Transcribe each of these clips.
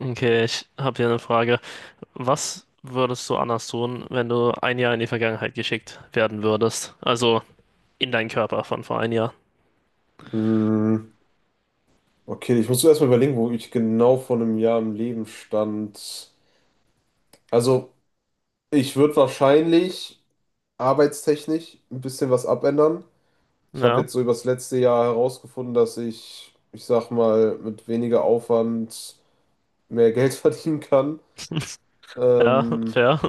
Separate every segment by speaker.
Speaker 1: Okay, ich habe hier eine Frage. Was würdest du anders tun, wenn du ein Jahr in die Vergangenheit geschickt werden würdest? Also in deinen Körper von vor ein Jahr.
Speaker 2: Mm, Okay, ich muss zuerst mal überlegen, wo ich genau vor einem Jahr im Leben stand. Also, ich würde wahrscheinlich arbeitstechnisch ein bisschen was abändern. Ich habe
Speaker 1: Ja,
Speaker 2: jetzt so über das letzte Jahr herausgefunden, dass ich sag mal, mit weniger Aufwand mehr Geld verdienen kann.
Speaker 1: ja,
Speaker 2: Ähm,
Speaker 1: fair.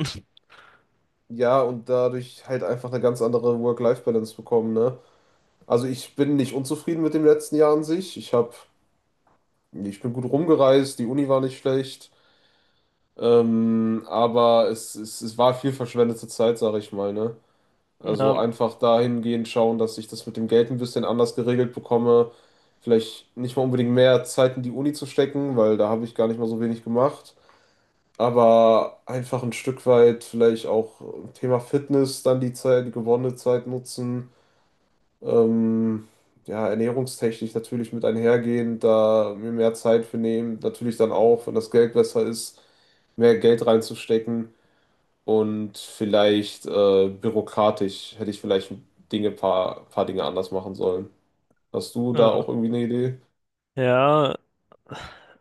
Speaker 2: ja, und dadurch halt einfach eine ganz andere Work-Life-Balance bekommen, ne? Also ich bin nicht unzufrieden mit dem letzten Jahr an sich. Ich hab, ich bin gut rumgereist, die Uni war nicht schlecht. Aber es war viel verschwendete Zeit, sage ich mal, ne?
Speaker 1: Ja,
Speaker 2: Also einfach dahingehend schauen, dass ich das mit dem Geld ein bisschen anders geregelt bekomme. Vielleicht nicht mal unbedingt mehr Zeit in die Uni zu stecken, weil da habe ich gar nicht mal so wenig gemacht. Aber einfach ein Stück weit vielleicht auch Thema Fitness dann die Zeit, die gewonnene Zeit nutzen. Ähm, ja, ernährungstechnisch natürlich mit einhergehend, da mir mehr Zeit für nehmen. Natürlich dann auch, wenn das Geld besser ist, mehr Geld reinzustecken. Und vielleicht bürokratisch hätte ich vielleicht Dinge, paar Dinge anders machen sollen. Hast du da
Speaker 1: ja,
Speaker 2: auch irgendwie eine Idee?
Speaker 1: ja.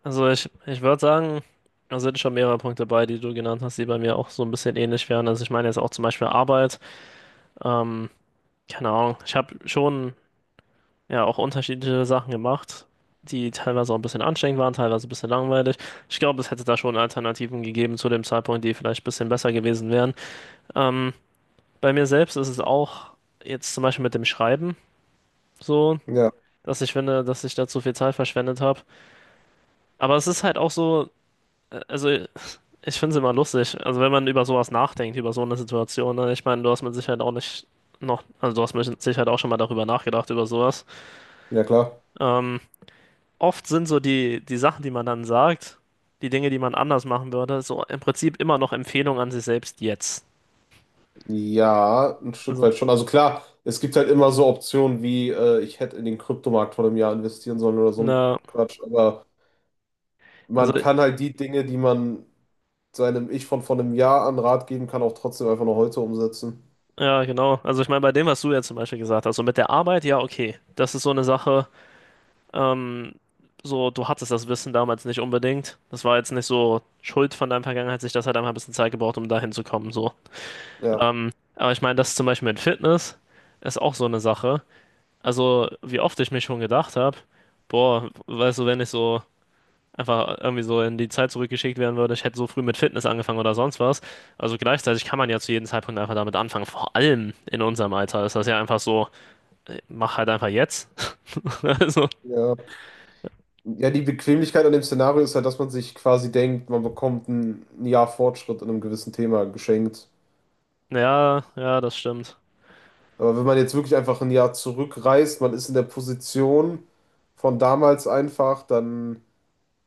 Speaker 1: Also ich würde sagen, da sind schon mehrere Punkte bei, die du genannt hast, die bei mir auch so ein bisschen ähnlich wären. Also ich meine jetzt auch zum Beispiel Arbeit. Ähm, Keine Ahnung. Ich habe schon ja auch unterschiedliche Sachen gemacht, die teilweise auch ein bisschen anstrengend waren, teilweise ein bisschen langweilig. Ich glaube, es hätte da schon Alternativen gegeben zu dem Zeitpunkt, die vielleicht ein bisschen besser gewesen wären. Ähm, Bei mir selbst ist es auch jetzt zum Beispiel mit dem Schreiben so,
Speaker 2: Ja,
Speaker 1: dass ich finde, dass ich da zu viel Zeit verschwendet habe. Aber es ist halt auch so, also ich finde es immer lustig. Also wenn man über sowas nachdenkt, über so eine Situation, ne? Ich meine, du hast mit Sicherheit auch nicht noch, also du hast mit Sicherheit auch schon mal darüber nachgedacht, über sowas.
Speaker 2: ja klar.
Speaker 1: Ähm, Oft sind so die Sachen, die man dann sagt, die Dinge, die man anders machen würde, so im Prinzip immer noch Empfehlungen an sich selbst jetzt.
Speaker 2: Ja, ein Stück
Speaker 1: Also,
Speaker 2: weit schon. Also klar, es gibt halt immer so Optionen wie, ich hätte in den Kryptomarkt vor einem Jahr investieren sollen oder so ein
Speaker 1: na,
Speaker 2: Quatsch. Aber man
Speaker 1: also,
Speaker 2: kann halt die Dinge, die man seinem Ich von vor einem Jahr an Rat geben kann, auch trotzdem einfach noch heute umsetzen.
Speaker 1: ja, genau. Also ich meine, bei dem, was du ja zum Beispiel gesagt hast, so mit der Arbeit, ja, okay. Das ist so eine Sache, ähm, so, du hattest das Wissen damals nicht unbedingt. Das war jetzt nicht so Schuld von deiner Vergangenheit, sich das hat einfach ein bisschen Zeit gebraucht, um dahin zu kommen, so.
Speaker 2: Ja.
Speaker 1: Ähm, aber ich meine, das zum Beispiel mit Fitness ist auch so eine Sache. Also, wie oft ich mich schon gedacht habe, boah, weißt du, wenn ich so einfach irgendwie so in die Zeit zurückgeschickt werden würde, ich hätte so früh mit Fitness angefangen oder sonst was. Also gleichzeitig kann man ja zu jedem Zeitpunkt einfach damit anfangen. Vor allem in unserem Alter ist das ja einfach so, mach halt einfach jetzt. Also,
Speaker 2: Ja. Ja, die Bequemlichkeit an dem Szenario ist halt, dass man sich quasi denkt, man bekommt ein Jahr Fortschritt in einem gewissen Thema geschenkt.
Speaker 1: ja, ja, das stimmt.
Speaker 2: Aber wenn man jetzt wirklich einfach ein Jahr zurückreist, man ist in der Position von damals einfach, dann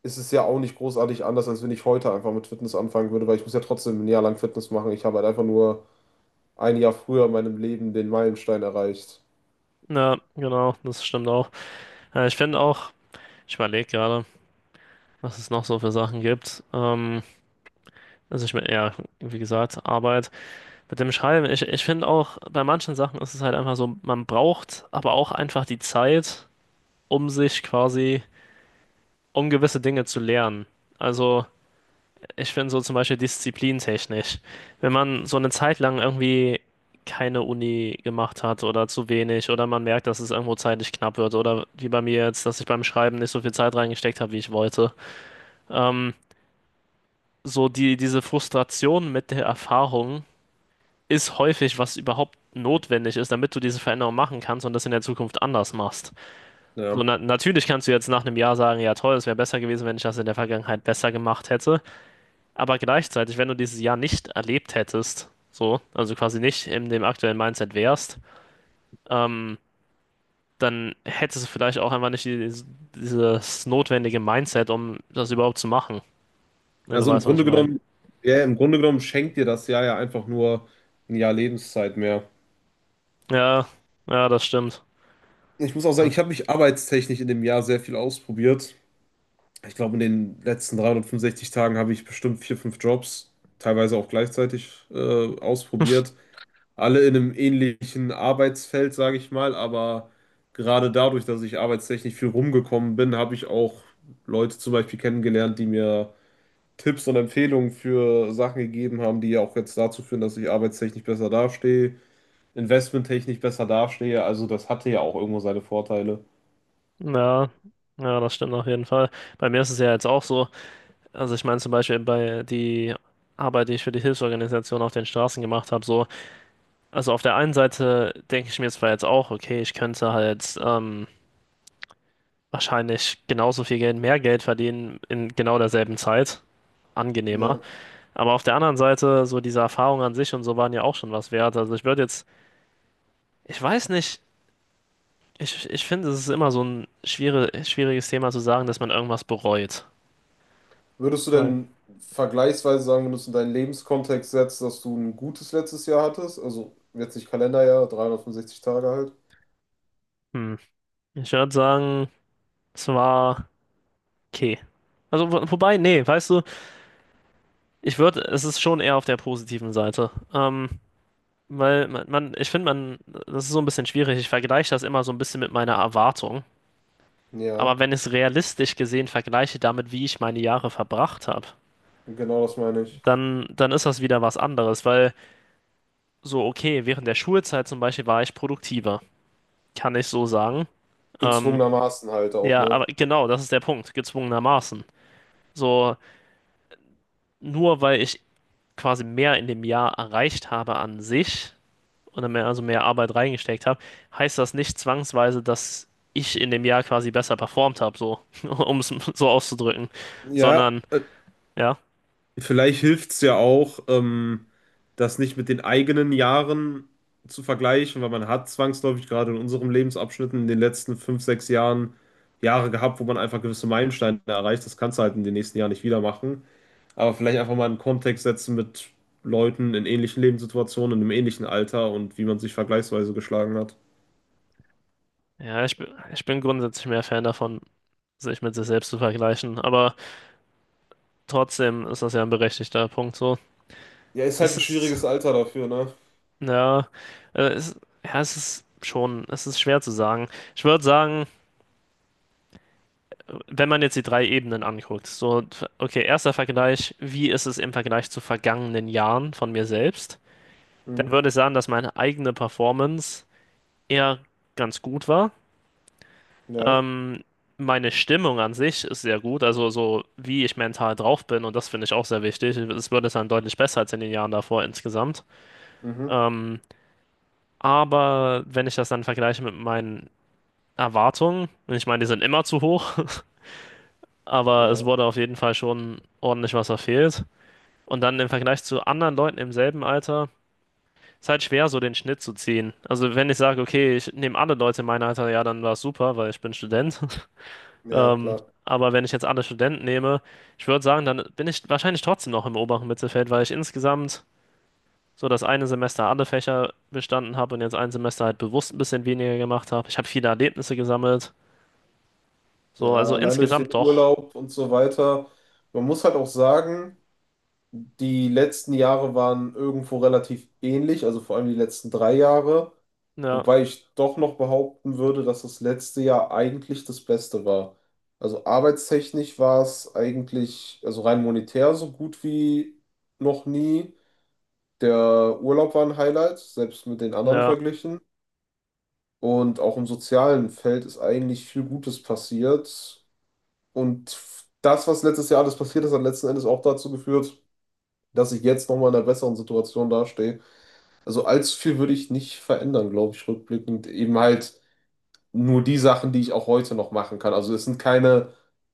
Speaker 2: ist es ja auch nicht großartig anders, als wenn ich heute einfach mit Fitness anfangen würde, weil ich muss ja trotzdem ein Jahr lang Fitness machen. Ich habe halt einfach nur ein Jahr früher in meinem Leben den Meilenstein erreicht.
Speaker 1: Ja, genau, das stimmt auch. Ich finde auch, ich überlege gerade, was es noch so für Sachen gibt. Also ich meine, ja, wie gesagt, Arbeit mit dem Schreiben. Ich finde auch, bei manchen Sachen ist es halt einfach so, man braucht aber auch einfach die Zeit, um sich quasi um gewisse Dinge zu lernen. Also ich finde so zum Beispiel disziplintechnisch, wenn man so eine Zeit lang irgendwie keine Uni gemacht hat oder zu wenig oder man merkt, dass es irgendwo zeitlich knapp wird oder wie bei mir jetzt, dass ich beim Schreiben nicht so viel Zeit reingesteckt habe, wie ich wollte. Ähm, so diese Frustration mit der Erfahrung ist häufig, was überhaupt notwendig ist, damit du diese Veränderung machen kannst und das in der Zukunft anders machst. So,
Speaker 2: Ja,
Speaker 1: na natürlich kannst du jetzt nach einem Jahr sagen, ja toll, es wäre besser gewesen, wenn ich das in der Vergangenheit besser gemacht hätte. Aber gleichzeitig, wenn du dieses Jahr nicht erlebt hättest, so, also quasi nicht in dem aktuellen Mindset wärst, ähm, dann hättest du vielleicht auch einfach nicht die, dieses notwendige Mindset, um das überhaupt zu machen, wenn du
Speaker 2: also im
Speaker 1: weißt, was ich
Speaker 2: Grunde
Speaker 1: meine.
Speaker 2: genommen, ja, im Grunde genommen schenkt dir das Jahr ja einfach nur ein Jahr Lebenszeit mehr.
Speaker 1: Ja, ja, das stimmt.
Speaker 2: Ich muss auch sagen, ich habe mich arbeitstechnisch in dem Jahr sehr viel ausprobiert. Ich glaube, in den letzten 365 Tagen habe ich bestimmt vier, fünf Jobs, teilweise auch gleichzeitig, ausprobiert. Alle in einem ähnlichen Arbeitsfeld, sage ich mal, aber gerade dadurch, dass ich arbeitstechnisch viel rumgekommen bin, habe ich auch Leute zum Beispiel kennengelernt, die mir Tipps und Empfehlungen für Sachen gegeben haben, die ja auch jetzt dazu führen, dass ich arbeitstechnisch besser dastehe, investmenttechnisch besser dastehe. Also das hatte ja auch irgendwo seine Vorteile.
Speaker 1: Ja, ja, das stimmt auf jeden Fall. Bei mir ist es ja jetzt auch so. Also ich meine zum Beispiel bei die Arbeit, die ich für die Hilfsorganisation auf den Straßen gemacht habe, so. Also auf der einen Seite denke ich mir zwar jetzt auch, okay, ich könnte halt wahrscheinlich genauso viel Geld, mehr Geld verdienen in genau derselben Zeit.
Speaker 2: Ja.
Speaker 1: Angenehmer. Aber auf der anderen Seite, so diese Erfahrungen an sich und so waren ja auch schon was wert. Also ich würde jetzt, ich weiß nicht, ich finde, es ist immer so ein schwieriges Thema zu sagen, dass man irgendwas bereut.
Speaker 2: Würdest du
Speaker 1: Weil,
Speaker 2: denn vergleichsweise sagen, wenn du es in deinen Lebenskontext setzt, dass du ein gutes letztes Jahr hattest? Also jetzt nicht Kalenderjahr, 365 Tage halt.
Speaker 1: hm, ich würde sagen, es war okay. Also, wobei, nee, weißt du, ich würde, es ist schon eher auf der positiven Seite. Weil man ich finde, man, das ist so ein bisschen schwierig. Ich vergleiche das immer so ein bisschen mit meiner Erwartung. Aber
Speaker 2: Ja,
Speaker 1: wenn ich es realistisch gesehen vergleiche damit, wie ich meine Jahre verbracht habe,
Speaker 2: genau das meine ich.
Speaker 1: dann ist das wieder was anderes, weil so, okay, während der Schulzeit zum Beispiel war ich produktiver, kann ich so sagen. Ähm,
Speaker 2: Gezwungenermaßen halt auch,
Speaker 1: ja,
Speaker 2: ne?
Speaker 1: aber genau, das ist der Punkt, gezwungenermaßen. So, nur weil ich quasi mehr in dem Jahr erreicht habe an sich und mehr, also mehr Arbeit reingesteckt habe, heißt das nicht zwangsweise, dass ich in dem Jahr quasi besser performt habe, so, um es so auszudrücken,
Speaker 2: Ja,
Speaker 1: sondern,
Speaker 2: äh,
Speaker 1: ja.
Speaker 2: vielleicht hilft es ja auch, das nicht mit den eigenen Jahren zu vergleichen, weil man hat zwangsläufig gerade in unserem Lebensabschnitt in den letzten fünf, sechs Jahren Jahre gehabt, wo man einfach gewisse Meilensteine erreicht. Das kannst du halt in den nächsten Jahren nicht wieder machen. Aber vielleicht einfach mal einen Kontext setzen mit Leuten in ähnlichen Lebenssituationen, in einem ähnlichen Alter und wie man sich vergleichsweise geschlagen hat.
Speaker 1: Ja, ich bin grundsätzlich mehr Fan davon, sich mit sich selbst zu vergleichen, aber trotzdem ist das ja ein berechtigter Punkt so.
Speaker 2: Ja, ist halt
Speaker 1: Es
Speaker 2: ein
Speaker 1: ist,
Speaker 2: schwieriges Alter dafür, ne?
Speaker 1: ja, es, ja, es ist schon, es ist schwer zu sagen. Ich würde sagen, wenn man jetzt die drei Ebenen anguckt, so, okay, erster Vergleich, wie ist es im Vergleich zu vergangenen Jahren von mir selbst? Dann
Speaker 2: Mhm.
Speaker 1: würde ich sagen, dass meine eigene Performance eher ganz gut war.
Speaker 2: Ja,
Speaker 1: Ähm, Meine Stimmung an sich ist sehr gut, also so wie ich mental drauf bin und das finde ich auch sehr wichtig. Es wird es dann deutlich besser als in den Jahren davor insgesamt.
Speaker 2: mhm.
Speaker 1: Ähm, aber wenn ich das dann vergleiche mit meinen Erwartungen, und ich meine, die sind immer zu hoch, aber es
Speaker 2: Ja,
Speaker 1: wurde auf jeden Fall schon ordentlich was verfehlt. Und dann im Vergleich zu anderen Leuten im selben Alter, ist halt schwer, so den Schnitt zu ziehen. Also wenn ich sage, okay, ich nehme alle Leute in meinem Alter, ja, dann war es super, weil ich bin Student.
Speaker 2: ja,
Speaker 1: Ähm,
Speaker 2: klar.
Speaker 1: aber wenn ich jetzt alle Studenten nehme, ich würde sagen, dann bin ich wahrscheinlich trotzdem noch im oberen Mittelfeld, weil ich insgesamt so das eine Semester alle Fächer bestanden habe und jetzt ein Semester halt bewusst ein bisschen weniger gemacht habe. Ich habe viele Erlebnisse gesammelt. So,
Speaker 2: Ja,
Speaker 1: also
Speaker 2: allein durch den
Speaker 1: insgesamt doch.
Speaker 2: Urlaub und so weiter. Man muss halt auch sagen, die letzten Jahre waren irgendwo relativ ähnlich, also vor allem die letzten drei Jahre,
Speaker 1: Ja,
Speaker 2: wobei ich doch noch behaupten würde, dass das letzte Jahr eigentlich das Beste war. Also arbeitstechnisch war es eigentlich, also rein monetär so gut wie noch nie. Der Urlaub war ein Highlight, selbst mit den anderen
Speaker 1: ja,
Speaker 2: verglichen. Und auch im sozialen Feld ist eigentlich viel Gutes passiert. Und das, was letztes Jahr alles passiert ist, hat letzten Endes auch dazu geführt, dass ich jetzt nochmal in einer besseren Situation dastehe. Also allzu viel würde ich nicht verändern, glaube ich, rückblickend. Eben halt nur die Sachen, die ich auch heute noch machen kann. Also es sind keine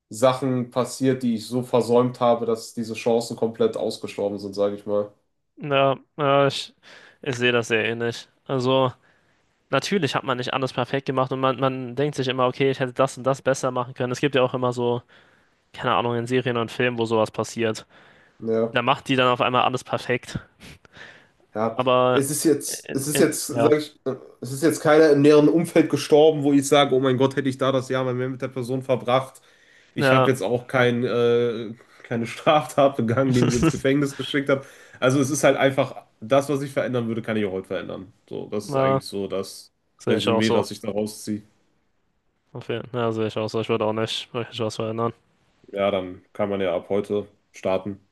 Speaker 2: Sachen passiert, die ich so versäumt habe, dass diese Chancen komplett ausgestorben sind, sage ich mal.
Speaker 1: ja, ja, ich sehe das sehr ähnlich. Also natürlich hat man nicht alles perfekt gemacht und man denkt sich immer, okay, ich hätte das und das besser machen können. Es gibt ja auch immer so, keine Ahnung, in Serien und Filmen, wo sowas passiert.
Speaker 2: Ja.
Speaker 1: Da macht die dann auf einmal alles perfekt.
Speaker 2: Ja,
Speaker 1: Aber
Speaker 2: es ist jetzt,
Speaker 1: ja,
Speaker 2: sag ich, es ist jetzt keiner im näheren Umfeld gestorben, wo ich sage, oh mein Gott, hätte ich da das Jahr mal mehr mit der Person verbracht. Ich
Speaker 1: ja,
Speaker 2: habe jetzt auch keine Straftat begangen, die mich ins Gefängnis geschickt hat. Also es ist halt einfach, das, was ich verändern würde, kann ich auch heute verändern. So, das ist
Speaker 1: na,
Speaker 2: eigentlich so das
Speaker 1: sehe ich auch
Speaker 2: Resümee,
Speaker 1: so.
Speaker 2: was ich daraus ziehe.
Speaker 1: Auf jeden- Ja, sehe ich auch so. Ich würde auch nicht wirklich was verändern.
Speaker 2: Ja, dann kann man ja ab heute starten.